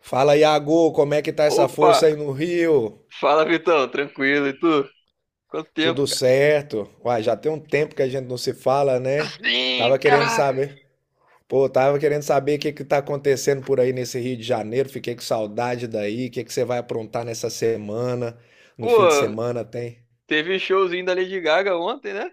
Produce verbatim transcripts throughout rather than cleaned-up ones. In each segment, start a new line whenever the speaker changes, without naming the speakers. Fala, Iago, como é que tá essa
Opa!
força aí no Rio?
Fala, Vitão, tranquilo, e tu? Quanto tempo?
Tudo certo? Uai, já tem um tempo que a gente não se fala,
Cara?
né?
Sim,
Tava querendo
caraca!
saber. Pô, tava querendo saber o que que tá acontecendo por aí nesse Rio de Janeiro. Fiquei com saudade daí. O que que você vai aprontar nessa semana? No fim de
Pô,
semana tem?
teve showzinho da Lady Gaga ontem, né?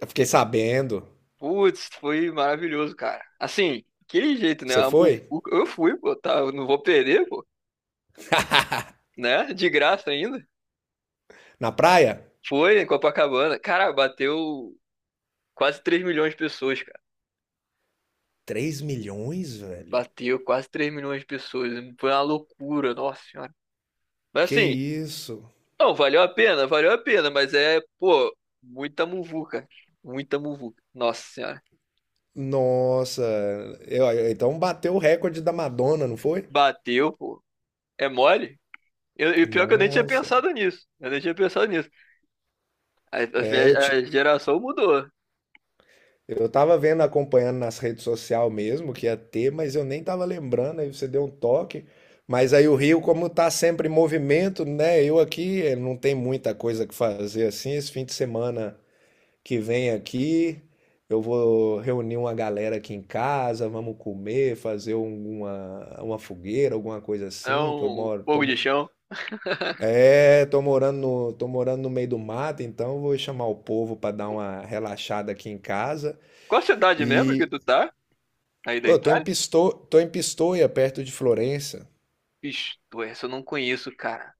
Eu fiquei sabendo.
Putz, foi maravilhoso, cara. Assim, aquele jeito, né?
Você
O-
foi?
o- Eu fui, pô, tá? Eu não vou perder, pô, né? De graça ainda.
Na praia?
Foi em Copacabana. Cara, bateu quase três milhões de pessoas, cara.
Três milhões, velho?
Bateu quase três milhões de pessoas. Foi uma loucura, nossa senhora. Mas
Que
assim,
isso?
não, valeu a pena, valeu a pena, mas é, pô, muita muvuca. Muita muvuca. Nossa senhora.
Nossa. Eu- então bateu o recorde da Madonna, não foi?
Bateu, pô. É mole? Eu- E pior que eu nem tinha
Nossa.
pensado nisso. Eu nem tinha pensado nisso. A,
É, eu,
a- a
ti-
geração mudou.
eu tava vendo, acompanhando nas redes sociais mesmo que ia ter, mas eu nem tava lembrando, aí você deu um toque. Mas aí o Rio, como tá sempre em movimento, né? Eu aqui eh, não tem muita coisa que fazer assim. Esse fim de semana que vem aqui, eu vou reunir uma galera aqui em casa, vamos comer, fazer um- uma, uma fogueira, alguma coisa
É
assim, que eu
um
moro, tô,
fogo de
mo-
chão.
é, tô morando no, tô morando no meio do mato, então eu vou chamar o povo para dar uma relaxada aqui em casa.
Qual cidade mesmo que
E,
tu tá? Aí da
pô, eu tô em
Itália?
Pisto... tô em Pistoia, perto de Florença.
Ixi, pô, essa eu não conheço, cara.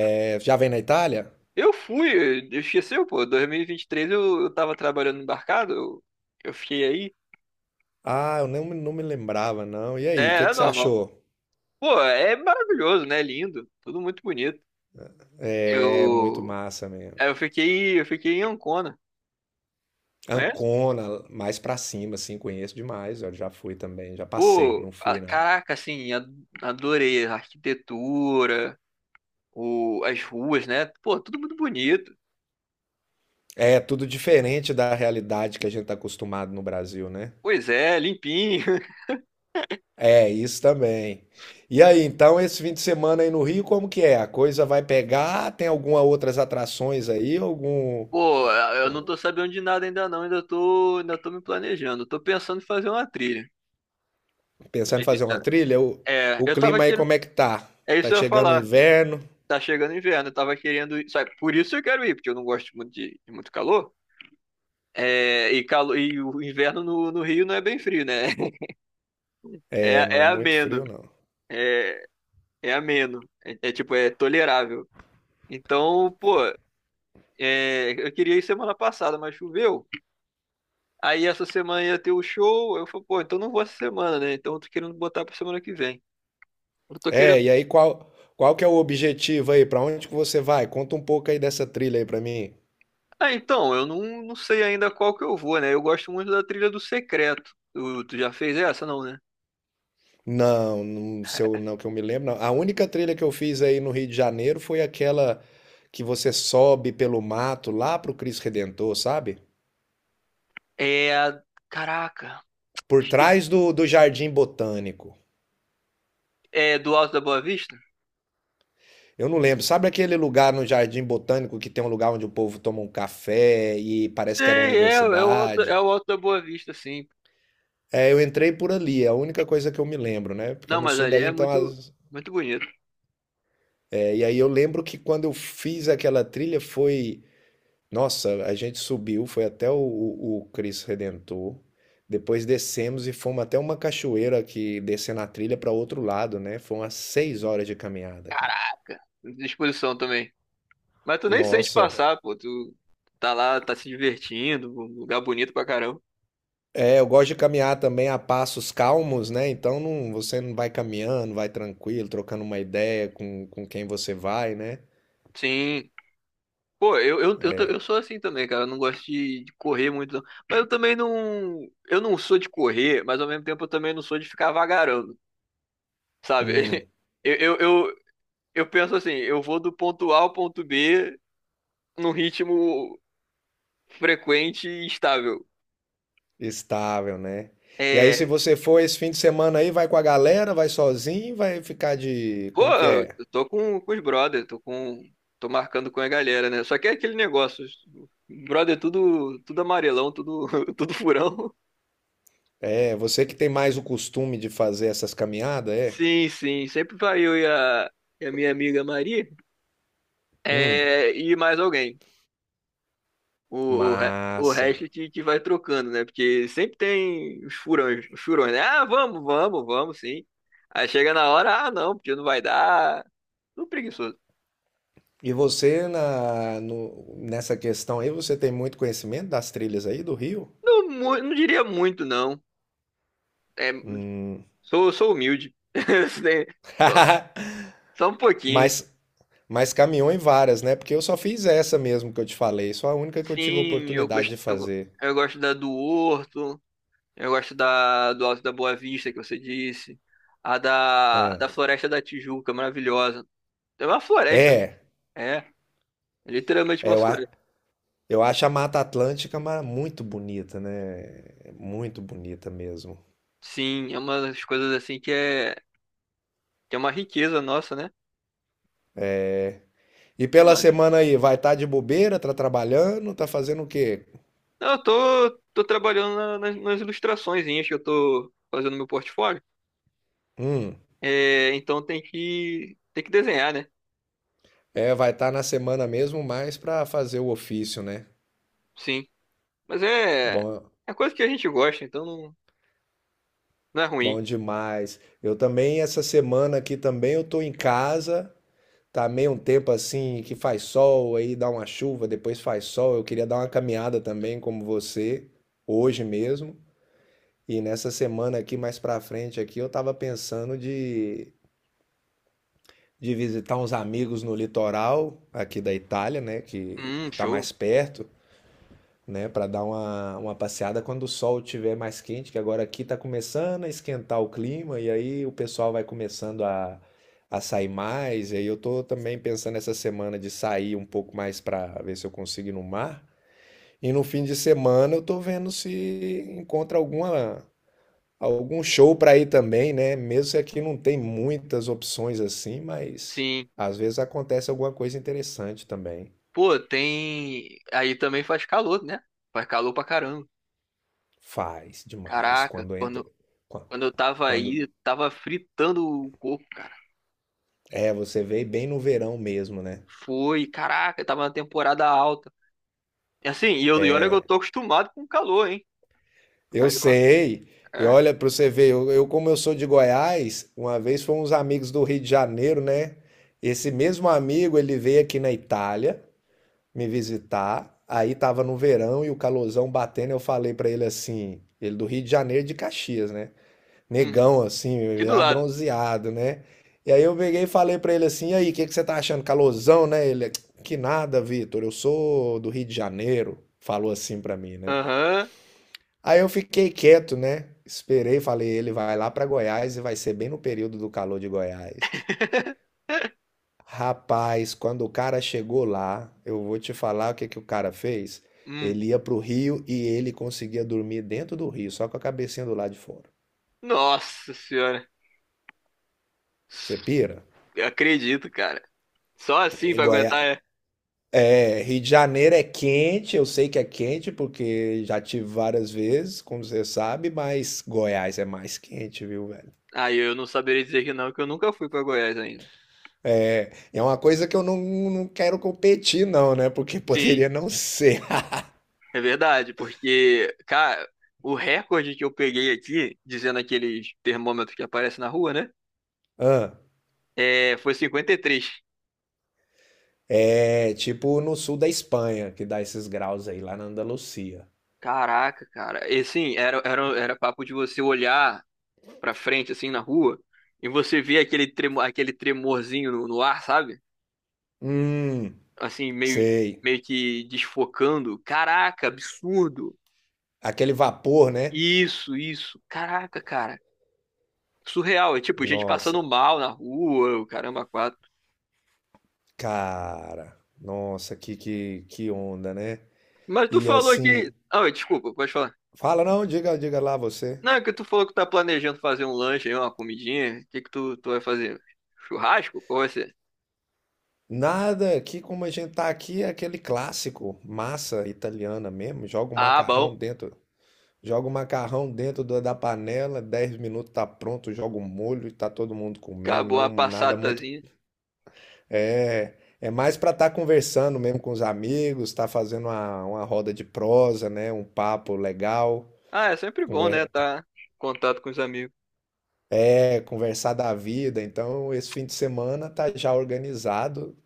É, já vem na Itália?
Eu fui, eu esqueceu, pô. dois mil e vinte e três eu, eu tava trabalhando no embarcado, eu, eu fiquei aí.
Ah, eu não, me- não me lembrava, não. E
É,
aí, o que
é
que você
normal.
achou?
Pô, é maravilhoso, né? Lindo. Tudo muito bonito.
É muito
Eu,
massa mesmo.
é, eu fiquei, eu fiquei em Ancona, conhece?
Ancona, mais pra cima, assim, conheço demais. Eu já fui também, já passei,
Pô,
não
a-
fui, não.
caraca, assim, a- adorei a arquitetura, o, as ruas, né? Pô, tudo muito bonito.
É tudo diferente da realidade que a gente tá acostumado no Brasil, né?
Pois é, limpinho.
É, isso também. E aí, então, esse fim de semana aí no Rio, como que é? A coisa vai pegar? Tem alguma outras atrações aí? Algum.
Pô, eu não tô sabendo de nada ainda não, ainda tô, ainda tô me planejando. Tô pensando em fazer uma trilha. Pra
Pensando em
ser bem
fazer uma
sincero.
trilha. o,
É,
o
eu tava
clima aí
querendo,
como é que tá?
é isso que
Tá
eu ia
chegando o
falar.
inverno?
Tá chegando inverno, eu tava querendo ir, sabe? Por isso eu quero ir, porque eu não gosto muito de, de muito calor. É, e, calo, e o inverno no, no Rio não é bem frio, né?
É,
É,
não é
é
muito
ameno.
frio não.
É, é ameno. É, é tipo, é tolerável. Então, pô, é, eu queria ir semana passada, mas choveu. Aí essa semana ia ter o show. Eu falei, pô, então não vou essa semana, né? Então eu tô querendo botar pra semana que vem. Eu tô querendo.
É, e aí qual qual que é o objetivo aí? Pra onde que você vai? Conta um pouco aí dessa trilha aí pra mim.
Ah, então, eu não, não sei ainda qual que eu vou, né? Eu gosto muito da trilha do Secreto. Tu, tu já fez essa, não, né?
Não, não sei, eu- não que eu me lembro, não. A única trilha que eu fiz aí no Rio de Janeiro foi aquela que você sobe pelo mato lá pro Cristo Redentor, sabe?
É a. Caraca,
Por
esqueci.
trás do, do Jardim Botânico.
É do Alto da Boa Vista?
Eu não lembro. Sabe aquele lugar no Jardim Botânico que tem um lugar onde o povo toma um café e parece que era uma
Sei, é, é o Alto,
universidade?
é o Alto da Boa Vista, sim.
É, eu entrei por ali, é a única coisa que eu me lembro, né? Porque eu
Não,
não
mas
sou
ali
daí,
é
então.
muito,
as-
muito bonito.
é, e aí eu lembro que quando eu fiz aquela trilha foi. Nossa, a gente subiu, foi até o, o, o Cristo Redentor. Depois descemos e fomos até uma cachoeira que descendo a trilha para outro lado, né? Foi umas seis horas de caminhada, cara.
Disposição também. Mas tu nem sente
Nossa.
passar, pô. Tu tá lá, tá se divertindo, um lugar bonito pra caramba.
É, eu gosto de caminhar também a passos calmos, né? Então não, você não vai caminhando, vai tranquilo, trocando uma ideia com, com quem você vai, né?
Sim. Pô, eu, eu, eu, ta-
É,
eu sou assim também, cara. Eu não gosto de, de correr muito, não. Mas eu também não. Eu não sou de correr, mas ao mesmo tempo eu também não sou de ficar vagarando, sabe?
hum,
Eu, eu, eu, eu penso assim, eu vou do ponto A ao ponto B num ritmo frequente e estável.
estável, né? E aí, se
É.
você for esse fim de semana aí, vai com a galera, vai sozinho, vai ficar de.
Pô,
Como que
eu
é?
tô com, com os brothers, tô com, tô marcando com a galera, né? Só que é aquele negócio, os- brother, tudo, tudo amarelão, tudo, tudo furão.
É, você que tem mais o costume de fazer essas caminhadas, é?
Sim, sim, sempre vai eu e a, e a minha amiga Maria,
Hum,
é, e mais alguém. O, o, re- o
massa.
resto que, que vai trocando, né? Porque sempre tem os furões, os furões, né? Ah, vamos, vamos, vamos, sim. Aí chega na hora, ah, não, porque não vai dar. Tudo preguiçoso.
E você na, no- nessa questão aí, você tem muito conhecimento das trilhas aí do Rio?
Não, mu- não diria muito, não. É,
Hum.
Sou, sou humilde. Só, só um pouquinho.
Mas Mas caminhou em várias, né? Porque eu só fiz essa mesmo que eu te falei, só a única que eu tive
Sim, eu
oportunidade
gosto,
de
eu, go-
fazer.
eu gosto da do Horto, eu gosto da do Alto da Boa Vista, que você disse. A da, da
Ah.
Floresta da Tijuca, maravilhosa. É uma floresta,
É,
é, é literalmente
é,
uma
eu, a-
floresta.
eu acho a Mata Atlântica ma- muito bonita, né? É muito bonita mesmo.
Sim, é uma das coisas assim que é, que é, uma riqueza nossa, né?
E
Que
pela
mais?
semana aí, vai estar de bobeira, tá trabalhando, tá fazendo o quê?
Não, eu tô, tô trabalhando na- nas, nas ilustraçõezinhas que eu tô fazendo no meu portfólio.
Hum,
É, então tem que, tem que desenhar, né?
é, vai estar na semana mesmo mais pra fazer o ofício, né?
Sim. Mas é,
Bom,
é coisa que a gente gosta, então não, não é
bom
ruim.
demais. Eu também, essa semana aqui também, eu tô em casa. Tá meio um tempo assim que faz sol, aí dá uma chuva, depois faz sol. Eu queria dar uma caminhada também, como você, hoje mesmo. E nessa semana aqui, mais pra frente aqui, eu tava pensando de, de visitar uns amigos no litoral aqui da Itália, né? Que,
Hum,
que tá
show.
mais perto, né, para dar uma, uma passeada quando o sol estiver mais quente, que agora aqui está começando a esquentar o clima e aí o pessoal vai começando a, a sair mais. E aí eu tô também pensando essa semana de sair um pouco mais para ver se eu consigo ir no mar. E no fim de semana eu tô vendo se encontra alguma algum show para ir também, né? Mesmo se aqui não tem muitas opções assim, mas
Sim.
às vezes acontece alguma coisa interessante também.
Pô, tem. Aí também faz calor, né? Faz calor pra caramba.
Faz demais
Caraca,
quando entra
quando,
quan-
quando eu tava
quando
aí, tava fritando o corpo, cara.
É, você veio bem no verão mesmo, né?
Foi, caraca, tava na temporada alta. E assim, e, eu, e olha que eu tô acostumado com calor, hein? Sou
Eu
Carioca.
sei. E
É.
olha, para você ver, eu, eu, como eu sou de Goiás, uma vez foram uns amigos do Rio de Janeiro, né? Esse mesmo amigo, ele veio aqui na Itália me visitar. Aí tava no verão e o calorzão batendo, eu falei para ele assim, ele do Rio de Janeiro de Caxias, né?
Uhum.
Negão, assim,
Aqui do
já
lado.
bronzeado, né? E aí eu peguei e falei pra ele assim, e aí, o que que você tá achando? Calorzão, né? Ele, que nada, Vitor, eu sou do Rio de Janeiro, falou assim pra mim, né?
Aham.
Aí eu fiquei quieto, né? Esperei, falei, ele vai lá pra Goiás e vai ser bem no período do calor de Goiás. Rapaz, quando o cara chegou lá, eu vou te falar o que que o cara fez.
Hum.
Ele ia pro Rio e ele conseguia dormir dentro do Rio, só com a cabecinha do lado de fora.
Nossa senhora.
Você pira?
Eu acredito, cara. Só assim
E
pra
Goiás.
aguentar é.
É, Rio de Janeiro é quente, eu sei que é quente porque já tive várias vezes, como você sabe, mas Goiás é mais quente, viu, velho?
Aí eu não saberia dizer que não, que eu nunca fui pra Goiás ainda.
É, é uma coisa que eu não, não quero competir, não, né? Porque
Sim,
poderia não ser.
é verdade, porque, cara, o recorde que eu peguei aqui, dizendo aqueles termômetros que aparecem na rua, né?
Ah,
É, foi cinquenta e três.
é tipo no sul da Espanha, que dá esses graus aí, lá na Andalucia.
Caraca, cara. E sim, era, era, era papo de você olhar pra frente, assim, na rua, e você ver aquele, tremo, aquele tremorzinho no, no ar, sabe?
Hum,
Assim, meio,
sei.
meio que desfocando. Caraca, absurdo.
Aquele vapor, né?
Isso, isso. Caraca, cara. Surreal. É tipo, gente
Nossa,
passando mal na rua, o caramba, quatro.
cara. Nossa, que, que, que onda, né?
Mas tu
E
falou que.
assim,
Ah, oi, desculpa, pode falar.
fala, não, diga, diga lá você.
Não, é que tu falou que tá planejando fazer um lanche aí, uma comidinha. O que que tu, tu vai fazer? Churrasco? Qual vai ser?
Nada, aqui como a gente tá aqui é aquele clássico, massa italiana mesmo, joga o
Ah,
macarrão
bom.
dentro, joga o macarrão dentro da da panela, dez minutos tá pronto, joga o molho e tá todo mundo comendo,
Acabou a
não nada muito,
passatazinha.
é, é mais pra estar conversando mesmo com os amigos, tá fazendo uma, uma roda de prosa, né, um papo legal,
Ah, é sempre bom, né?
conver-
Tá em contato com os amigos.
é, conversar da vida, então esse fim de semana tá já organizado,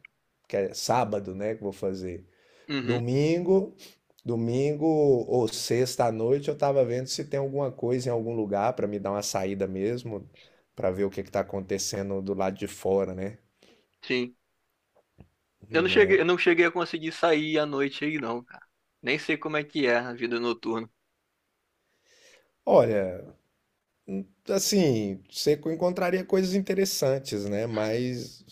que é sábado, né, que eu vou fazer.
Uhum,
Domingo, domingo ou sexta à noite eu tava vendo se tem alguma coisa em algum lugar pra me dar uma saída mesmo, pra ver o que que tá acontecendo do lado de fora, né?
sim. Eu não cheguei,
Né?
eu não cheguei a conseguir sair à noite aí, não, cara. Nem sei como é que é a vida noturna.
Olha, assim, você co- encontraria coisas interessantes, né? Mas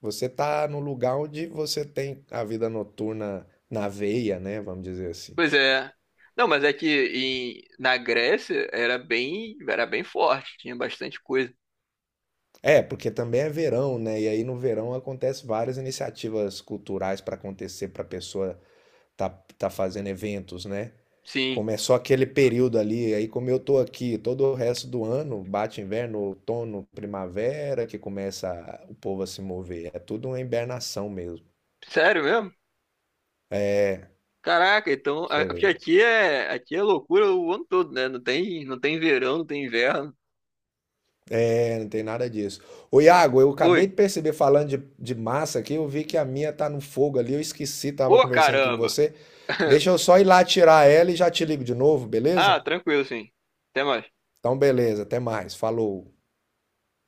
você tá num lugar onde você tem a vida noturna na veia, né? Vamos dizer assim.
Pois é. Não, mas é que em- na Grécia era bem, era bem forte, tinha bastante coisa.
É, porque também é verão, né? E aí no verão acontece várias iniciativas culturais para acontecer para pessoa tá, tá fazendo eventos, né?
Sim,
Começou aquele período ali, aí como eu tô aqui todo o resto do ano, bate inverno, outono, primavera, que começa a- o povo a se mover. É tudo uma hibernação mesmo, pra
sério mesmo? Caraca, então, a-
você
porque
vê.
aqui é, aqui é loucura o ano todo, né? Não tem, não tem verão, não tem inverno.
É, não tem nada disso. Ô Iago, eu acabei
Oi.
de perceber, falando de, de massa aqui, eu vi que a minha tá no fogo ali, eu esqueci, tava
Ô,
conversando aqui com
caramba.
você. Deixa eu só ir lá tirar ela e já te ligo de novo, beleza?
Ah, tranquilo, sim. Até mais.
Então, beleza, até mais, falou.